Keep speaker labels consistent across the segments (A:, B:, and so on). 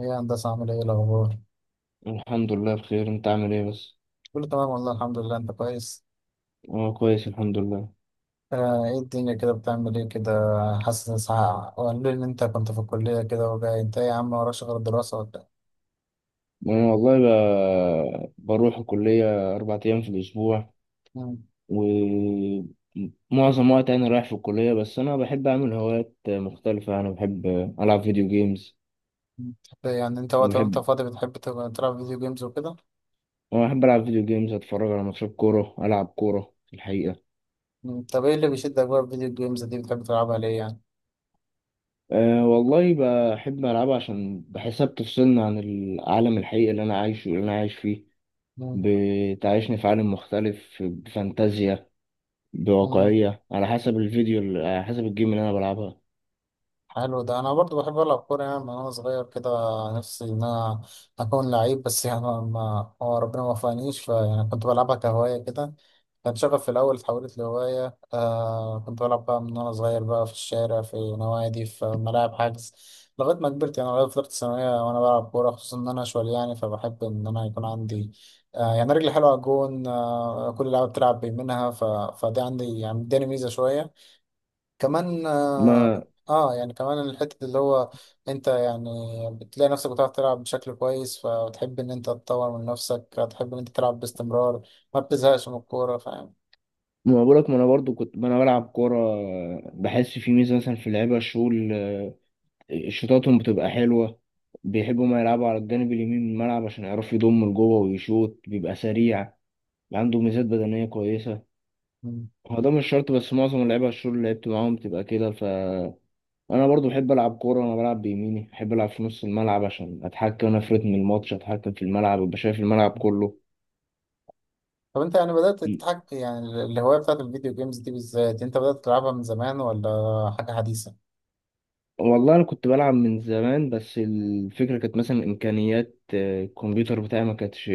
A: ايه يا هندسة، عامل ايه الأخبار؟
B: الحمد لله، بخير. انت عامل ايه بس؟
A: كله تمام والله الحمد لله. أنت كويس؟
B: انا كويس، الحمد لله.
A: ايه الدنيا كده، بتعمل ايه كده؟ حاسس إن ساعة وقالوا لي إن أنت كنت في الكلية كده وجاي. أنت إيه يا عم، وراش غير الدراسة ولا إيه؟
B: انا والله بروح الكلية اربع ايام في الاسبوع.
A: مم.
B: ومعظم وقت انا رايح في الكلية، بس انا بحب اعمل هوايات مختلفة. العب فيديو جيمز
A: يعني أنت وقت
B: وبحب
A: وأنت فاضي بتحب تبقى تلعب فيديو جيمز وكده؟
B: انا بحب العب فيديو جيمز، اتفرج على ماتشات كورة، العب كورة في الحقيقة.
A: مم. طب ايه اللي بيشدك بقى في الفيديو جيمز دي، بتحب تلعبها ليه يعني؟
B: أه والله بحب ألعبها عشان بحسها بتفصلني عن العالم الحقيقي اللي أنا عايشه، اللي أنا عايش فيه.
A: مم.
B: بتعيشني في عالم مختلف بفانتازيا
A: مم.
B: بواقعية على حسب الجيم اللي انا بلعبها.
A: حلو ده. انا برضو بحب العب كوره يعني، من وانا صغير كده نفسي ان انا اكون لعيب، بس يعني هو ربنا ما وفقنيش، فيعني كنت بلعبها كهوايه كده. كان شغف في الاول، اتحولت لهوايه. كنت بلعب بقى من وانا صغير بقى في الشارع، في نوادي، في ملاعب حجز، لغايه ما كبرت يعني، لغايه فتره الثانويه وانا بلعب كوره، خصوصا ان انا شوال يعني، فبحب ان انا يكون عندي يعني رجلي حلوه على الجون. كل لعبه بتلعب بيمينها، فدي عندي يعني اداني ميزه شويه كمان.
B: ما
A: يعني كمان الحتة اللي هو انت يعني بتلاقي نفسك بتعرف تلعب بشكل كويس، فبتحب ان انت تطور من نفسك، هتحب ان انت تلعب باستمرار، ما بتزهقش من الكورة، فاهم؟
B: ما بقولك، ما انا برضو كنت ما انا بلعب كورة. بحس في ميزة مثلا في اللعيبة الشغل، شوطاتهم بتبقى حلوة، بيحبوا ما يلعبوا على الجانب اليمين من الملعب عشان يعرفوا يضموا لجوه، ويشوط بيبقى سريع، عنده ميزات بدنية كويسة.
A: مم.
B: هو ده مش شرط، بس معظم اللعيبة الشغل اللي لعبت معاهم بتبقى كده. فأنا برضو بحب ألعب كورة، وأنا بلعب بيميني بحب ألعب في نص الملعب عشان أتحكم أنا في رتم الماتش، أتحكم في الملعب، أبقى شايف الملعب كله.
A: طب انت يعني بدأت تتحكم، يعني الهواية بتاعت الفيديو جيمز دي بالذات، انت بدأت تلعبها من زمان ولا حاجة حديثة؟
B: والله انا كنت بلعب من زمان، بس الفكره كانت مثلا امكانيات الكمبيوتر بتاعي ما كانتش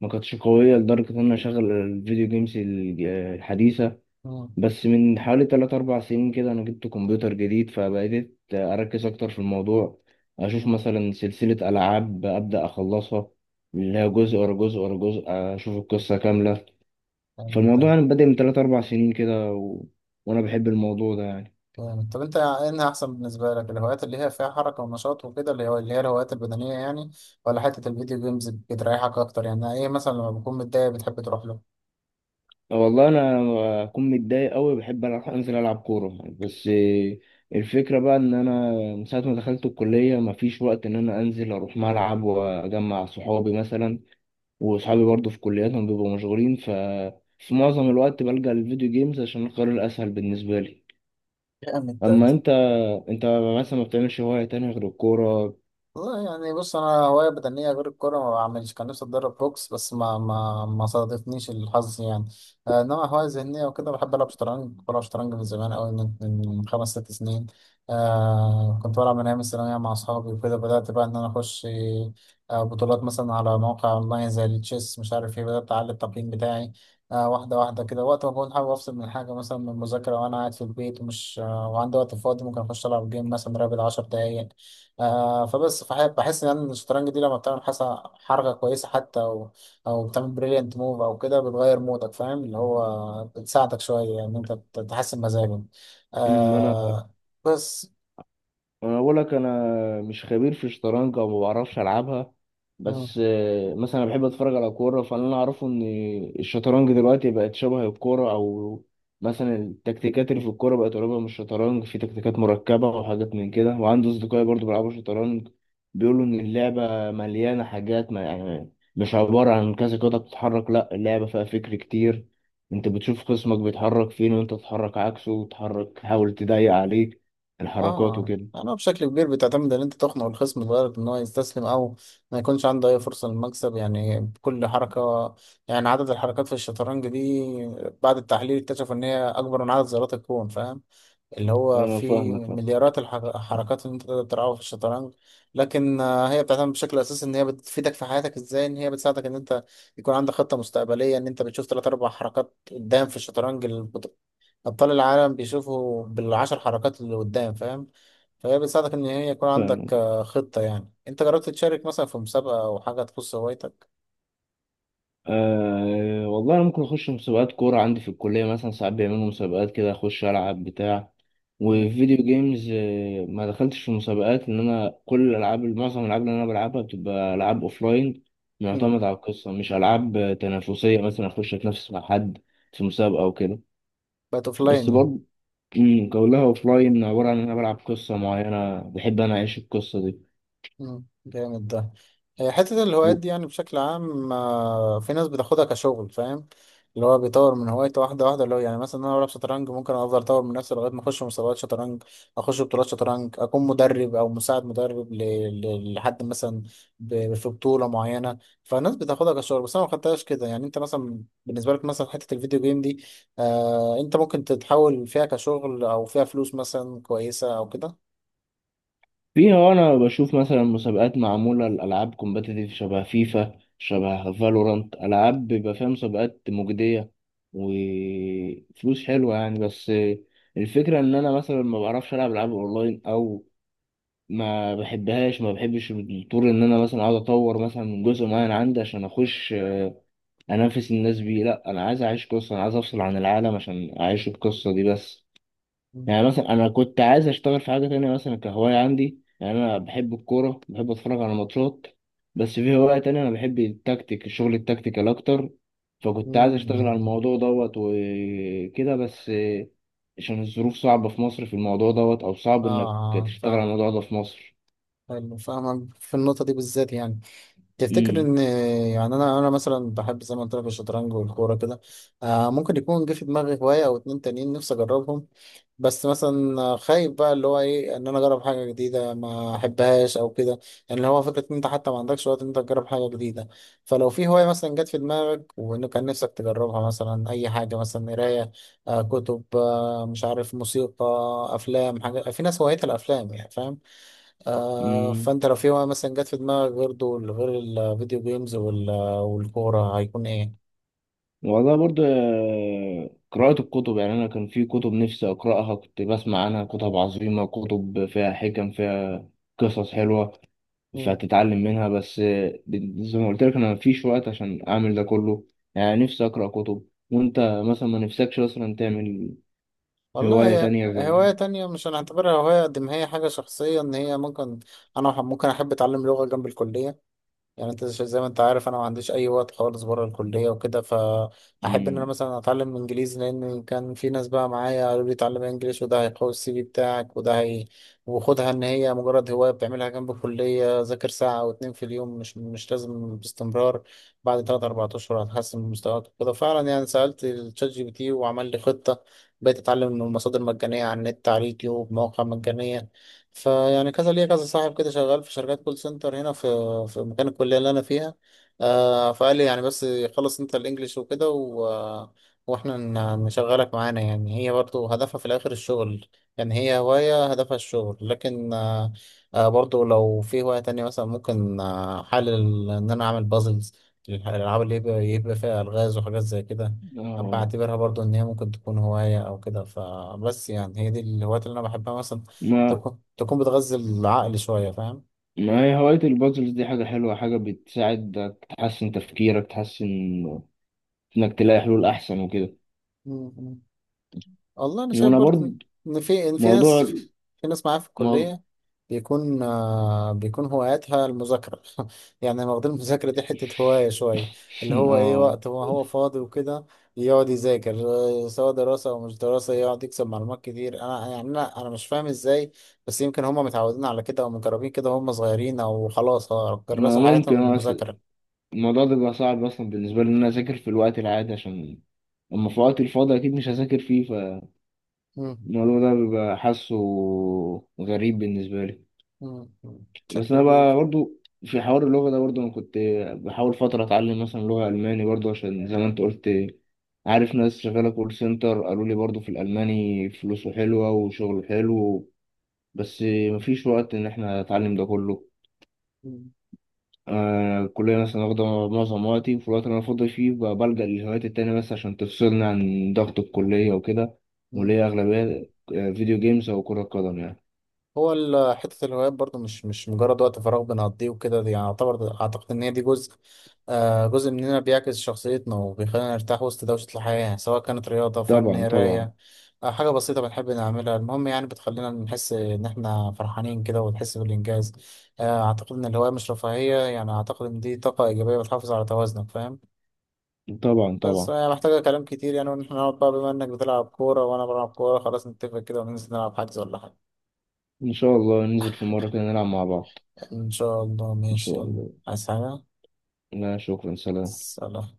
B: ما كانتش قويه لدرجه ان انا اشغل الفيديو جيمز الحديثه.
A: مم.
B: بس من حوالي 3 4 سنين كده انا جبت كمبيوتر جديد، فبقيت اركز اكتر في الموضوع، اشوف مثلا سلسله العاب ابدا اخلصها، اللي هي جزء ورا جزء ورا جزء، اشوف القصه كامله.
A: مم.
B: فالموضوع يعني بادئ من 3 4 سنين كده و... وانا بحب الموضوع ده يعني.
A: جامد. طب انت انها احسن بالنسبه لك الهوايات اللي هي فيها حركه ونشاط وكده، اللي هو اللي هي الهوايات البدنيه يعني، ولا حته الفيديو جيمز بتريحك اكتر؟ يعني ايه مثلا لما بكون متضايق بتحب تروح له؟
B: والله انا لما اكون متضايق قوي بحب ألعب، انزل العب كوره، بس الفكره بقى ان انا من ساعه ما دخلت الكليه مفيش وقت ان انا انزل اروح ملعب واجمع صحابي مثلا، وصحابي برضو في كلياتهم بيبقوا مشغولين. في معظم الوقت بلجأ للفيديو جيمز عشان القرار الاسهل بالنسبه لي.
A: جامد.
B: اما انت مثلا ما بتعملش هوايه تانية غير الكوره؟
A: والله يعني بص، انا هوايه بدنيه غير الكوره ما بعملش. كان نفسي اتدرب بوكس بس ما صادفنيش الحظ يعني. انما هوايه ذهنيه وكده، بحب العب شطرنج. بلعب شطرنج من زمان قوي، من خمس ست سنين. كنت بلعب من ايام الثانويه مع اصحابي وكده. بدات بقى ان انا اخش بطولات مثلا على مواقع اونلاين زي التشيس مش عارف ايه، بدات اعلي التقييم بتاعي واحده واحده كده، وقت ما بكون حابب افصل من حاجه، مثلا من المذاكره وانا قاعد في البيت ومش وعندي وقت فاضي، ممكن اخش العب جيم مثلا رابع 10 دقايق. بحس ان الشطرنج دي لما بتعمل حسن حركه كويسه حتى، او او بتعمل بريليانت موف او كده، بتغير مودك، فاهم؟ اللي هو بتساعدك شويه ان انت تحسن مزاجك.
B: أمم، انا
A: آه بس.
B: انا بقول لك، انا مش خبير في الشطرنج او ما بعرفش العبها.
A: مم.
B: بس مثلا انا بحب اتفرج على كوره، فانا اللي اعرفه ان الشطرنج دلوقتي بقت شبه الكوره. او مثلا التكتيكات اللي في الكوره بقت قريبه من الشطرنج، في تكتيكات مركبه وحاجات من كده، وعندي اصدقائي برضو بيلعبوا شطرنج، بيقولوا ان اللعبه مليانه حاجات، ما يعني مش عباره عن كذا قطعه بتتحرك، لا اللعبه فيها فكر كتير. انت بتشوف خصمك بيتحرك فين، وانت تتحرك عكسه، وتحرك تحاول تضايق عليه الحركات
A: اه
B: وكده.
A: انا بشكل كبير بتعتمد ان انت تقنع الخصم لدرجه ان هو يستسلم، او ما يكونش عنده اي فرصه للمكسب يعني، بكل حركه. يعني عدد الحركات في الشطرنج دي بعد التحليل اكتشفوا ان هي اكبر من عدد ذرات الكون، فاهم؟ اللي هو
B: اه،
A: فيه مليارات الحركات اللي انت تقدر تلعبها في الشطرنج. لكن هي بتعتمد بشكل اساسي ان هي بتفيدك في حياتك ازاي، ان هي بتساعدك ان انت يكون عندك خطة مستقبلية، ان انت بتشوف ثلاث اربع حركات قدام في الشطرنج. ابطال العالم بيشوفوا بالعشر حركات اللي قدام، فاهم؟ فهي بتساعدك ان هي يكون عندك
B: فاهمك.
A: خطة. يعني انت جربت تشارك مثلا في مسابقة او حاجة تخص هوايتك؟
B: أه والله انا ممكن اخش مسابقات كوره عندي في الكليه، مثلا ساعات بيعملوا مسابقات كده اخش العب بتاع.
A: مم.
B: وفيديو جيمز ما دخلتش في مسابقات، لان انا كل الالعاب، معظم الالعاب اللي انا بلعبها بتبقى العاب اوفلاين، معتمد
A: مم.
B: على القصه، مش العاب تنافسيه مثلا اخش اتنافس مع حد في مسابقه او كده.
A: بقت اوفلاين
B: بس
A: يعني؟
B: برضه كلها اوفلاين، عباره عن ان انا بلعب قصه معينه، بحب انا اعيش القصه
A: مم. جامد ده. هي حتة
B: دي.
A: الهوايات دي يعني بشكل عام في ناس بتاخدها كشغل، فاهم؟ اللي هو بيطور من هوايته واحدة واحدة، اللي هو يعني مثلا أنا بلعب شطرنج، ممكن أفضل أطور من نفسي لغاية ما أخش مسابقات شطرنج، أخش بطولات شطرنج، أكون مدرب أو مساعد مدرب لحد مثلا في بطولة معينة. فالناس بتاخدها كشغل، بس أنا ما خدتهاش كده يعني. أنت مثلا بالنسبة لك مثلا حتة الفيديو جيم دي، أنت ممكن تتحول فيها كشغل أو فيها فلوس مثلا كويسة أو كده؟
B: فيها انا بشوف مثلا مسابقات معموله لالعاب كومبتيتيف، شبه فيفا، شبه فالورانت، العاب بيبقى فيها مسابقات مجديه وفلوس حلوه يعني. بس الفكره ان انا مثلا ما بعرفش العب العاب اونلاين، او ما بحبش الطور ان انا مثلا اقعد اطور مثلا من جزء معين عندي عشان اخش انافس الناس بيه. لا انا عايز اعيش قصه، انا عايز افصل عن العالم عشان اعيش القصه دي بس.
A: مم.
B: يعني مثلا انا كنت عايز اشتغل في حاجه تانية مثلا كهوايه عندي، يعني انا بحب الكوره، بحب اتفرج على ماتشات، بس في هوايه تانية انا بحب التكتيك الشغل التكتيكال اكتر، فكنت عايز اشتغل على
A: مم.
B: الموضوع دوت وكده، بس عشان الظروف صعبه في مصر في الموضوع دوت، او صعب انك تشتغل على
A: فاهم.
B: الموضوع ده في مصر.
A: حلو، فاهمك في النقطة دي بالذات يعني. تفتكر
B: امم
A: ان يعني انا مثلا بحب زي ما قلت لك الشطرنج والكورة كده، ممكن يكون جه في دماغي هواية او اتنين تانيين نفسي اجربهم، بس مثلا خايف بقى اللي هو ايه ان انا اجرب حاجة جديدة ما احبهاش او كده يعني. اللي هو فكرة ان انت حتى ما عندكش وقت ان انت تجرب حاجة جديدة. فلو في هواية مثلا جت في دماغك وانه كان نفسك تجربها، مثلا اي حاجة مثلا قراية، كتب، مش عارف، موسيقى، افلام، حاجة، في ناس هوايتها الافلام يعني، فاهم؟
B: امم
A: فانت لو في بقى مثلا جت في دماغك غير دول، غير الفيديو جيمز والكورة، هيكون ايه؟
B: والله برضه قراءة الكتب، يعني أنا كان في كتب نفسي أقرأها، كنت بسمع عنها كتب عظيمة، كتب فيها حكم، فيها قصص حلوة،
A: مم.
B: فهتتعلم منها. بس زي ما قلت لك انا مفيش وقت عشان اعمل ده كله، يعني نفسي اقرا كتب. وانت مثلا ما نفسكش مثلا تعمل
A: والله،
B: هواية
A: هي
B: تانية غير؟
A: هواية تانية مش هنعتبرها هواية قد ما هي حاجة شخصية ان هي ممكن، انا ممكن احب اتعلم لغة جنب الكلية. يعني انت زي ما انت عارف انا ما عنديش اي وقت خالص بره الكليه وكده، فاحب ان انا
B: مم.
A: مثلا اتعلم انجليزي، لان كان في ناس بقى معايا قالوا لي اتعلم انجليش، وده هيقوي السي في بتاعك، وده هي، وخدها ان هي مجرد هوايه بتعملها جنب الكليه، ذاكر ساعه او اتنين في اليوم، مش لازم باستمرار. بعد تلات اربع اشهر هتحسن من مستواك وكده. فعلا يعني سالت الشات جي بي تي وعمل لي خطه، بقيت اتعلم من المصادر مجانيه على النت، على اليوتيوب، مواقع مجانيه. فيعني كذا ليا كذا صاحب كده شغال في شركات كول سنتر هنا في مكان الكلية اللي أنا فيها. فقال لي يعني، بس خلص أنت الإنجليش وكده وإحنا نشغلك معانا. يعني هي برضو هدفها في الآخر الشغل، يعني هي هواية هدفها الشغل. لكن برضو لو في هواية تانية مثلا ممكن، حل إن أنا أعمل بازلز، الألعاب اللي يبقى فيها ألغاز وحاجات زي كده،
B: اه،
A: بعتبرها برضو إن هي ممكن تكون هواية أو كده. فبس يعني هي دي الهوايات اللي أنا بحبها، مثلا
B: ما
A: تكون بتغذي العقل شوية، فاهم؟
B: ما هي هواية البازلز دي حاجة حلوة، حاجة بتساعدك تحسن تفكيرك، تحسن انك تلاقي حلول احسن وكده.
A: مم. والله أنا شايف
B: وانا
A: برضو
B: برضه
A: إن إن في إن في ناس
B: موضوع
A: في ناس معايا في
B: موضوع
A: الكلية بيكون هواياتها المذاكرة. يعني واخدين المذاكرة دي حتة هواية شوية، اللي هو إيه،
B: اه،
A: وقت هو فاضي وكده يقعد يذاكر، سواء دراسة أو مش دراسة، يقعد يكسب معلومات كتير. أنا يعني أنا مش فاهم إزاي، بس يمكن هما متعودين على كده أو مجربين كده وهم صغيرين، أو خلاص
B: ما
A: كرسوا حياتهم
B: ممكن
A: للمذاكرة.
B: الموضوع ده بيبقى صعب اصلا بالنسبه لي ان انا اذاكر في الوقت العادي، عشان اما في وقت الفاضي اكيد مش هذاكر فيه.
A: مم.
B: فالموضوع ده بيبقى حاسه غريب بالنسبه لي.
A: مم. بشكل
B: بس انا بقى
A: كبير.
B: برضو في حوار اللغه ده، برضو انا كنت بحاول فتره اتعلم مثلا لغه الماني برضو عشان زي ما انت قلت، عارف ناس شغاله كول سنتر قالوا لي برضو في الالماني فلوسه حلوه وشغله حلو، بس مفيش وقت ان احنا نتعلم ده كله. الكلية مثلا واخدة معظم وقتي، في الوقت اللي أنا فاضي فيه بلجأ للهوايات التانية بس عشان تفصلني عن ضغط الكلية وكده، واللي
A: مم.
B: هي أغلبية فيديو جيمز أو كرة قدم يعني.
A: هو حتة الهوايات برضو مش مجرد وقت فراغ بنقضيه وكده، دي يعني اعتقد ان هي دي جزء، جزء مننا، بيعكس شخصيتنا وبيخلينا نرتاح وسط دوشة الحياة يعني، سواء كانت رياضة، فن،
B: طبعا طبعا.
A: قراية، حاجة بسيطة بنحب نعملها، المهم يعني بتخلينا نحس ان احنا فرحانين كده، ونحس بالانجاز. اعتقد ان الهواية مش رفاهية يعني، اعتقد ان دي طاقة ايجابية بتحافظ على توازنك، فاهم؟
B: طبعا
A: بس
B: طبعا.
A: هي محتاجة كلام كتير يعني، وإن احنا نقعد بقى، بما انك بتلعب كورة وانا بلعب كورة، خلاص نتفق كده وننزل نلعب حجز ولا حاجة.
B: إن شاء الله ننزل في مرة كده نلعب مع بعض.
A: إن شاء الله،
B: إن
A: ماشي،
B: شاء
A: يلا.
B: الله.
A: عايز حاجة؟
B: لا شكرا، سلام.
A: سلام.